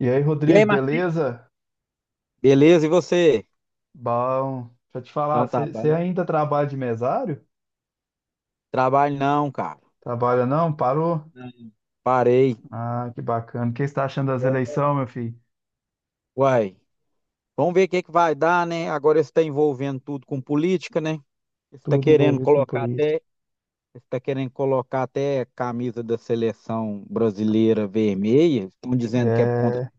E aí, E aí, Rodrigo, Marcinho? beleza? Beleza, e você? Bom, deixa eu te falar, Então, tá você bom. ainda trabalha de mesário? Trabalho não, cara. Trabalha não? Parou? Não, parei. Ah, que bacana. O que você está achando das quero- eleições, meu filho? Uai. Vamos ver o que é que vai dar, né? Agora você está envolvendo tudo com política, né? Você Está Tudo querendo envolvido com colocar política. até, Está querendo colocar até camisa da seleção brasileira vermelha. Estão dizendo que é por conta de. É,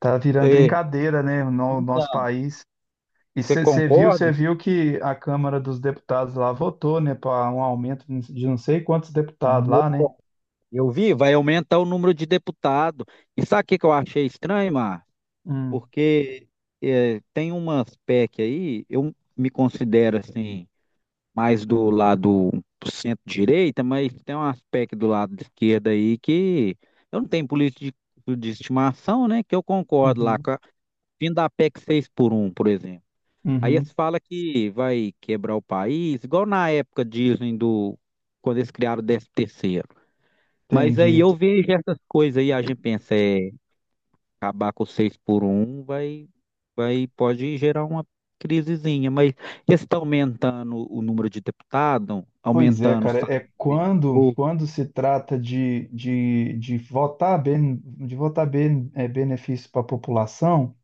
tá virando Você, brincadeira, né, no nosso Então, país. E Você você viu, você concorda? viu que a Câmara dos Deputados lá votou, né, para um aumento de não sei quantos deputados no- lá, né? Eu vi, vai aumentar o número de deputados. E sabe o que que eu achei estranho, Márcio? Hum. Porque tem umas PEC aí, eu me considero assim, mais do lado centro-direita, mas tem umas PEC do lado de esquerda aí que eu não tenho política de estimação, né? Que eu concordo lá, Uhum. com a fim da PEC 6x1, por exemplo. Aí Uhum. se fala que vai quebrar o país, igual na época dizem do, quando eles criaram o 13 terceiro. Mas aí Entendi. eu vejo essas coisas aí, a gente pensa, é acabar com 6x1, vai, pode gerar uma crisezinha. Mas esse está aumentando o número de deputados, Pois é, aumentando o cara, salário é do quando, vereador. quando se trata de votar bem, benefício para a população,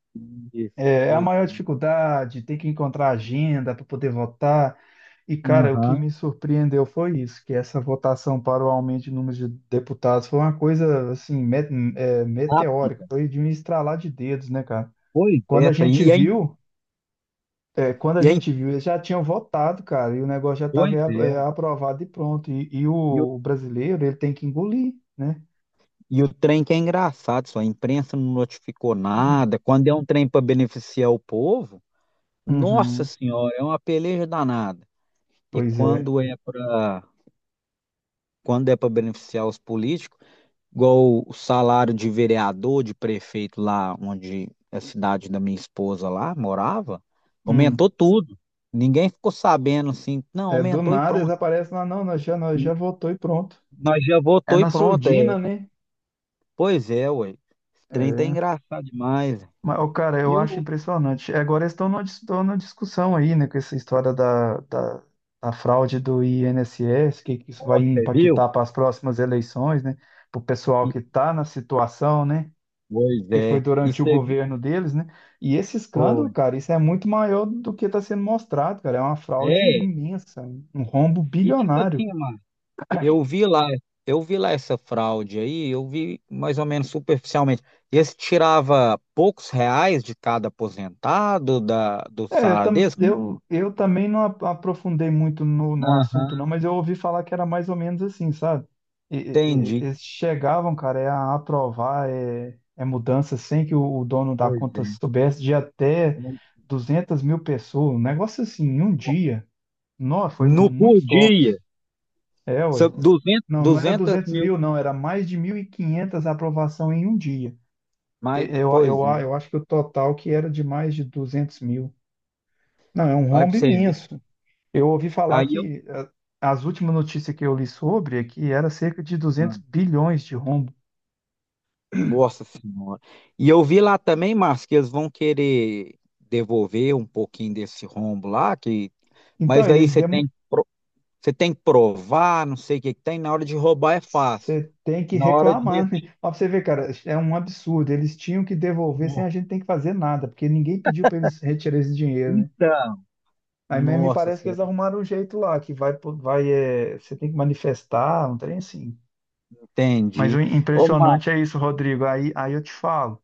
Isso, é a pois maior é. dificuldade, tem que encontrar agenda para poder votar. E, cara, o que Aham, me surpreendeu foi isso, que essa votação para o aumento de número de deputados foi uma coisa, assim, meteórica, rápida. foi de um estralar de dedos, né, cara? Pois é, Quando a essa aí. gente E aí, viu, Quando a e aí, gente viu, eles já tinham votado, cara, e o negócio já estava pois é. aprovado e pronto. E E o, o brasileiro, ele tem que engolir, né? e o trem que é engraçado, só a imprensa não notificou nada. Quando é um trem para beneficiar o povo, nossa Uhum. senhora, é uma peleja danada. E Pois é. quando é para quando é para beneficiar os políticos. Igual o salário de vereador, de prefeito lá onde a cidade da minha esposa lá morava, Hum. aumentou tudo. Ninguém ficou sabendo assim, não, É, do aumentou e nada eles pronto. aparecem lá, não, nós já votou e pronto. Nós já É votou e na pronto. É. surdina, né? Pois é, ué. Esse trem tá É. engraçado demais. Mas, ô, cara, eu E acho o impressionante. É, agora eles estão numa discussão aí, né, com essa história da fraude do INSS, que isso vai Ó, você viu? impactar para as próximas eleições, né? Para o pessoal E- que está na situação, né? Pois Que foi é. E durante o você viu? governo deles, né? E esse escândalo, Foi. cara, isso é muito maior do que está sendo mostrado, cara. É uma fraude É. imensa, um rombo E tipo bilionário. assim, mano. Eu vi lá, eu vi lá essa fraude aí, eu vi mais ou menos superficialmente. Esse tirava poucos reais de cada aposentado do É, eu, salário tam, deles? eu, eu também não aprofundei muito no assunto, Aham, não, mas eu ouvi falar que era mais ou menos assim, sabe? E- e- e- entendi. eles chegavam, cara, a aprovar mudança sem que o dono da Pois conta é. soubesse de até 200 mil pessoas, um negócio assim, em um dia. Nossa, foi No, por muitos dia, golpes. É, ué. são 200, Não, não era 200 200 mil, mil, não, era mais de 1.500 aprovação em um dia. Mas, Eu, eu, pois é. eu acho que o total que era de mais de 200 mil. Não, é um Olha rombo pra você ver. imenso. Eu ouvi falar Aí eu, que as últimas notícias que eu li sobre é que era cerca de duzentos ah, bilhões de rombo. Nossa senhora. E eu vi lá também, Márcio, que eles vão querer devolver um pouquinho desse rombo lá, que, Então, mas aí você tem que. Você tem que provar, não sei o que que tem. Na hora de roubar é fácil. você tem que Na hora de reclamar, né? Ó, pra você ver, cara, é um absurdo. Eles tinham que devolver sem restituir. a gente ter que fazer nada, porque ninguém pediu para eles retirarem esse dinheiro, né? Então, Aí mesmo me nossa parece que eles senhora, arrumaram um jeito lá, que vai, você tem que manifestar, um trem assim. Mas o entendi. Ô, Ma- impressionante é isso, Rodrigo. Aí eu te falo,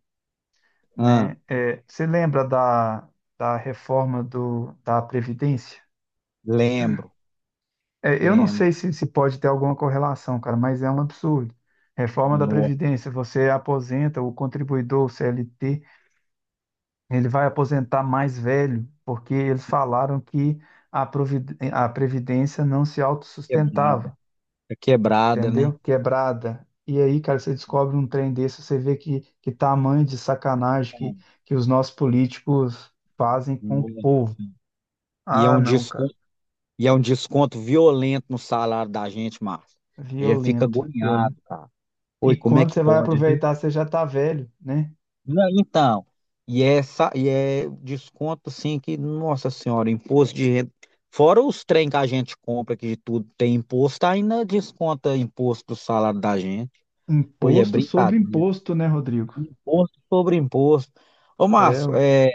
né? ah, É, você lembra da reforma do, da Previdência? Lembro, É, eu não sei lembro. se pode ter alguma correlação, cara, mas é um absurdo. Reforma da Nossa, Previdência, você aposenta o contribuidor, o CLT, ele vai aposentar mais velho, porque eles falaram que a Previdência não se quebrada. autossustentava. É quebrada, né? Entendeu? Quebrada. E aí, cara, você descobre um trem desse, você vê que, tamanho de sacanagem Ah, que os nossos políticos fazem com o nossa. povo. E é Ah, um não, cara. desconto, e é um desconto violento no salário da gente, Márcio. A gente fica Violento, violento. agoniado, cara. E Oi, como é quando que você vai pode? aproveitar, você já tá velho, né? Não, então, e é desconto assim que, nossa senhora, imposto de renda. Fora os trem que a gente compra, que de tudo tem imposto, ainda desconta imposto do salário da gente. Foi, é Imposto sobre brincadeira. imposto, né, Rodrigo? Imposto sobre imposto. Ô, É, Márcio, ué.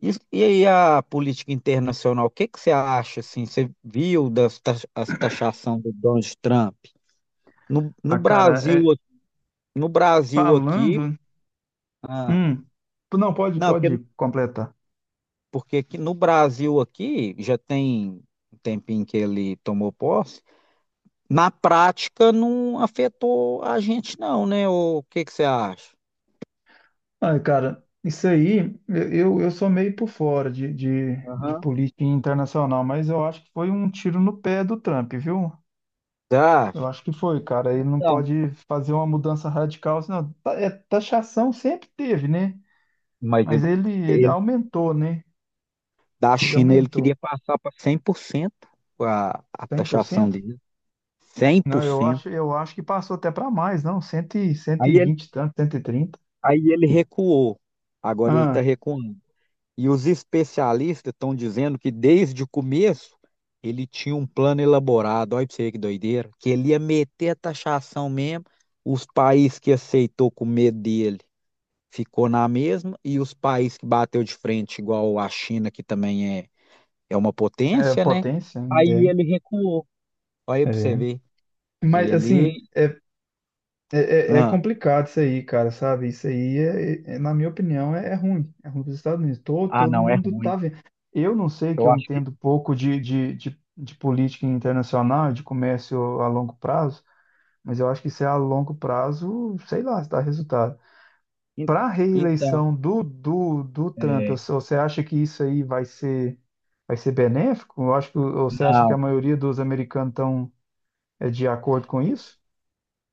e aí a política internacional, o que que você acha, assim, você viu as taxação do Donald Trump? No Ah, cara, Brasil, no Brasil aqui, falando. ah, Hum, não, pode, não, pode porque. completar. Porque aqui no Brasil aqui já tem um tempinho que ele tomou posse. Na prática não afetou a gente não, né? O que que você acha? Ai, cara, isso aí, eu sou meio por fora de Aham. política internacional, mas eu acho que foi um tiro no pé do Trump, viu? Você Eu acha? acho que foi, cara. Ele não Não. pode fazer uma mudança radical, senão taxação sempre teve, né? Mas Mas ele, ele ele- aumentou, né? Da Ele China ele aumentou queria passar para 100% a cem por taxação cento dele. cem Não, por eu acho, cento eu acho que passou até para mais, não, 100, Aí ele, 120 e tanto, 130. aí ele recuou. Agora ele está Ah, recuando. E os especialistas estão dizendo que desde o começo ele tinha um plano elaborado, olha pra você ver que doideira, que ele ia meter a taxação mesmo, os países que aceitou com medo dele ficou na mesma, e os países que bateu de frente, igual a China, que também é, é uma é potência, né? potência, Aí é, ele recuou, olha pra você é. ver, Mas ele. assim, Ah, complicado isso aí, cara, sabe? Isso aí, na minha opinião, é ruim. É ruim para os Estados Unidos. Todo, todo não, é mundo ruim, tá vendo. Eu não sei que eu eu acho que. entendo pouco de política internacional, de comércio a longo prazo, mas eu acho que isso é a longo prazo, sei lá, se dá resultado. en- Para a Então, reeleição do Trump, é, você acha que isso aí vai ser benéfico? Eu acho que, ou você acha que a não. maioria dos americanos estão, de acordo com isso?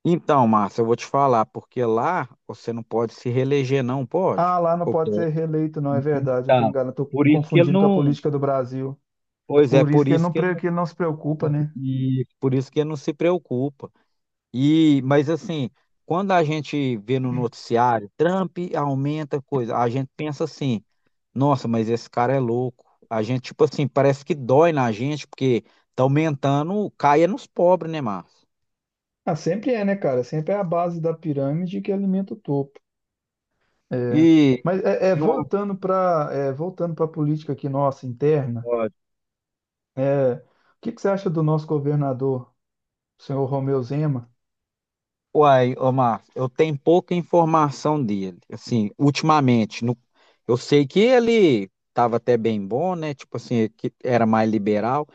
Então, Márcia, eu vou te falar, porque lá você não pode se reeleger, não pode? Ah, lá não pode ser É. reeleito, não, é verdade, eu estou Então, enganado, estou por isso que ele confundindo com a não. política do Brasil. Pois é, Por isso por que ele isso não, que ele pre- não, que ele não se preocupa, né? e por isso que ele não se preocupa. E, mas assim, quando a gente vê no noticiário, Trump aumenta coisa, a gente pensa assim, nossa, mas esse cara é louco. A gente, tipo assim, parece que dói na gente, porque tá aumentando, caia nos pobres, né, Márcio? Ah, sempre é, né, cara? Sempre é a base da pirâmide que alimenta o topo. É. E, Mas é, é, e voltando para voltando para a política aqui nossa interna, uma, o que que você acha do nosso governador? Senhor Romeu Zema. Uai, Omar, eu tenho pouca informação dele. Assim, ultimamente, eu sei que ele estava até bem bom, né? Tipo assim, que era mais liberal.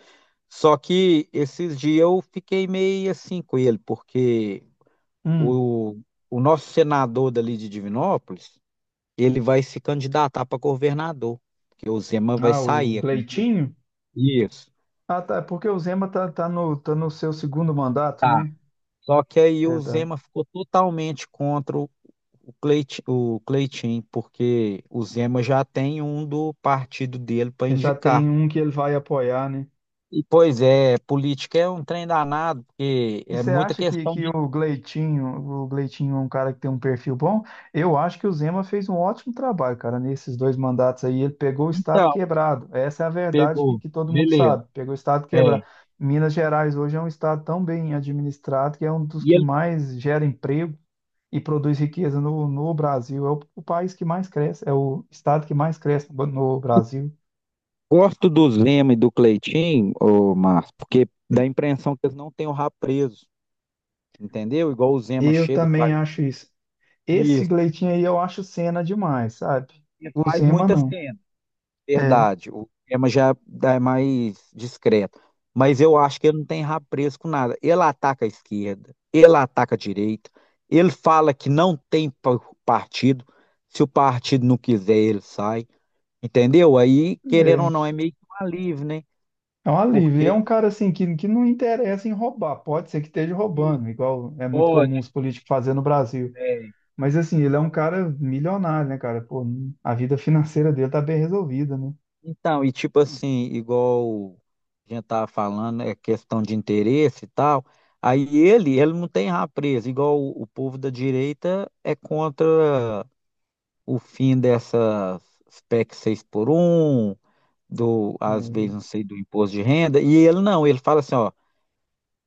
Só que esses dias eu fiquei meio assim com ele, porque Hum, o, o nosso senador dali de Divinópolis, ele vai se candidatar para governador, porque o Zema vai ah, o sair. Gleitinho? Isso. Ah, tá, é porque o Zema tá no seu segundo mandato, Tá. né? Só que aí o Verdade. Zema ficou totalmente contra o Cleitinho, porque o Zema já tem um do partido dele para Ele já indicar. tem um que ele vai apoiar, né? E, pois é, política é um trem danado, porque E é você muita acha que, questão que de. o Gleitinho é um cara que tem um perfil bom? Eu acho que o Zema fez um ótimo trabalho, cara, nesses dois mandatos aí. Ele pegou o estado Então, quebrado. Essa é a verdade que, pegou, que todo mundo beleza. sabe. Pegou o estado É. quebrado. Minas Gerais hoje é um estado tão bem administrado que é um dos E que ele mais gera emprego e produz riqueza no Brasil. É o país que mais cresce, é o estado que mais cresce no Brasil. gosto do Zema e do Cleitinho, ô Márcio, porque dá a impressão que eles não têm o rabo preso, entendeu? Igual o Zema Eu chega, também faz acho isso. Esse isso, Gleitinho aí eu acho cena demais, sabe? e O faz Zema muita não. cena. É. Verdade, o tema já é mais discreto. Mas eu acho que ele não tem rabo preso com nada. Ele ataca a esquerda, ele ataca a direita, ele fala que não tem partido. Se o partido não quiser, ele sai. Entendeu? Aí, querendo É, ou não, é meio que um alívio, né? é um alívio. E é Porque um cara assim que não interessa em roubar. Pode ser que esteja Ih, roubando, igual é muito pode. comum os políticos fazer no Brasil. Mas assim, ele é um cara milionário, né, cara? Pô, a vida financeira dele tá bem resolvida, né? Então, e tipo assim, igual a gente tava falando, é questão de interesse e tal. Aí ele não tem rabo preso, igual o povo da direita é contra o fim dessas PEC 6x1, do, às É, vezes, não sei, do imposto de renda. E ele não, ele fala assim, ó,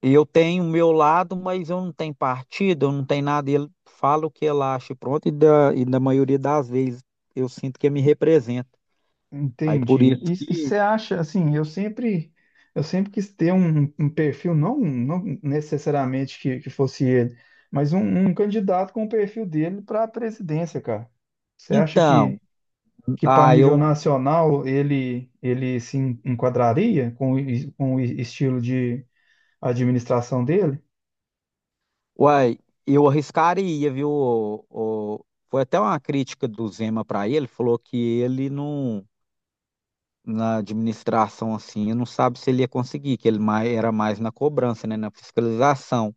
eu tenho o meu lado, mas eu não tenho partido, eu não tenho nada. E ele fala o que ele acha, e pronto, e da, e na maioria das vezes eu sinto que ele me representa. Aí por entendi. isso E que. você acha assim, eu sempre quis ter um perfil, não, não necessariamente que fosse ele, mas um candidato com o perfil dele para a presidência, cara. Você acha que Então, que para Ah, nível eu, nacional ele se enquadraria com o estilo de administração dele? uai, eu arriscaria, viu? Foi até uma crítica do Zema para ele, falou que ele não, na administração assim, não sabe se ele ia conseguir, que ele mais, era mais na cobrança, né, na fiscalização.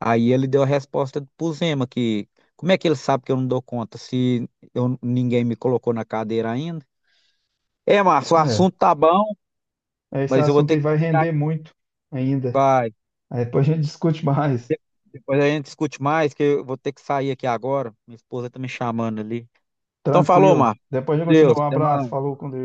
Aí ele deu a resposta pro Zema que como é que ele sabe que eu não dou conta se eu, ninguém me colocou na cadeira ainda? É, Márcio, o É, assunto tá bom, esse mas eu vou assunto ter aí que vai desligar, render muito ainda. pai. Aí depois a gente discute mais. De- Depois a gente discute mais, que eu vou ter que sair aqui agora. Minha esposa tá me chamando ali. Então falou, Tranquilo. Marco. Depois Com a gente continua. Deus. Um Até abraço. mais. Falou com Deus.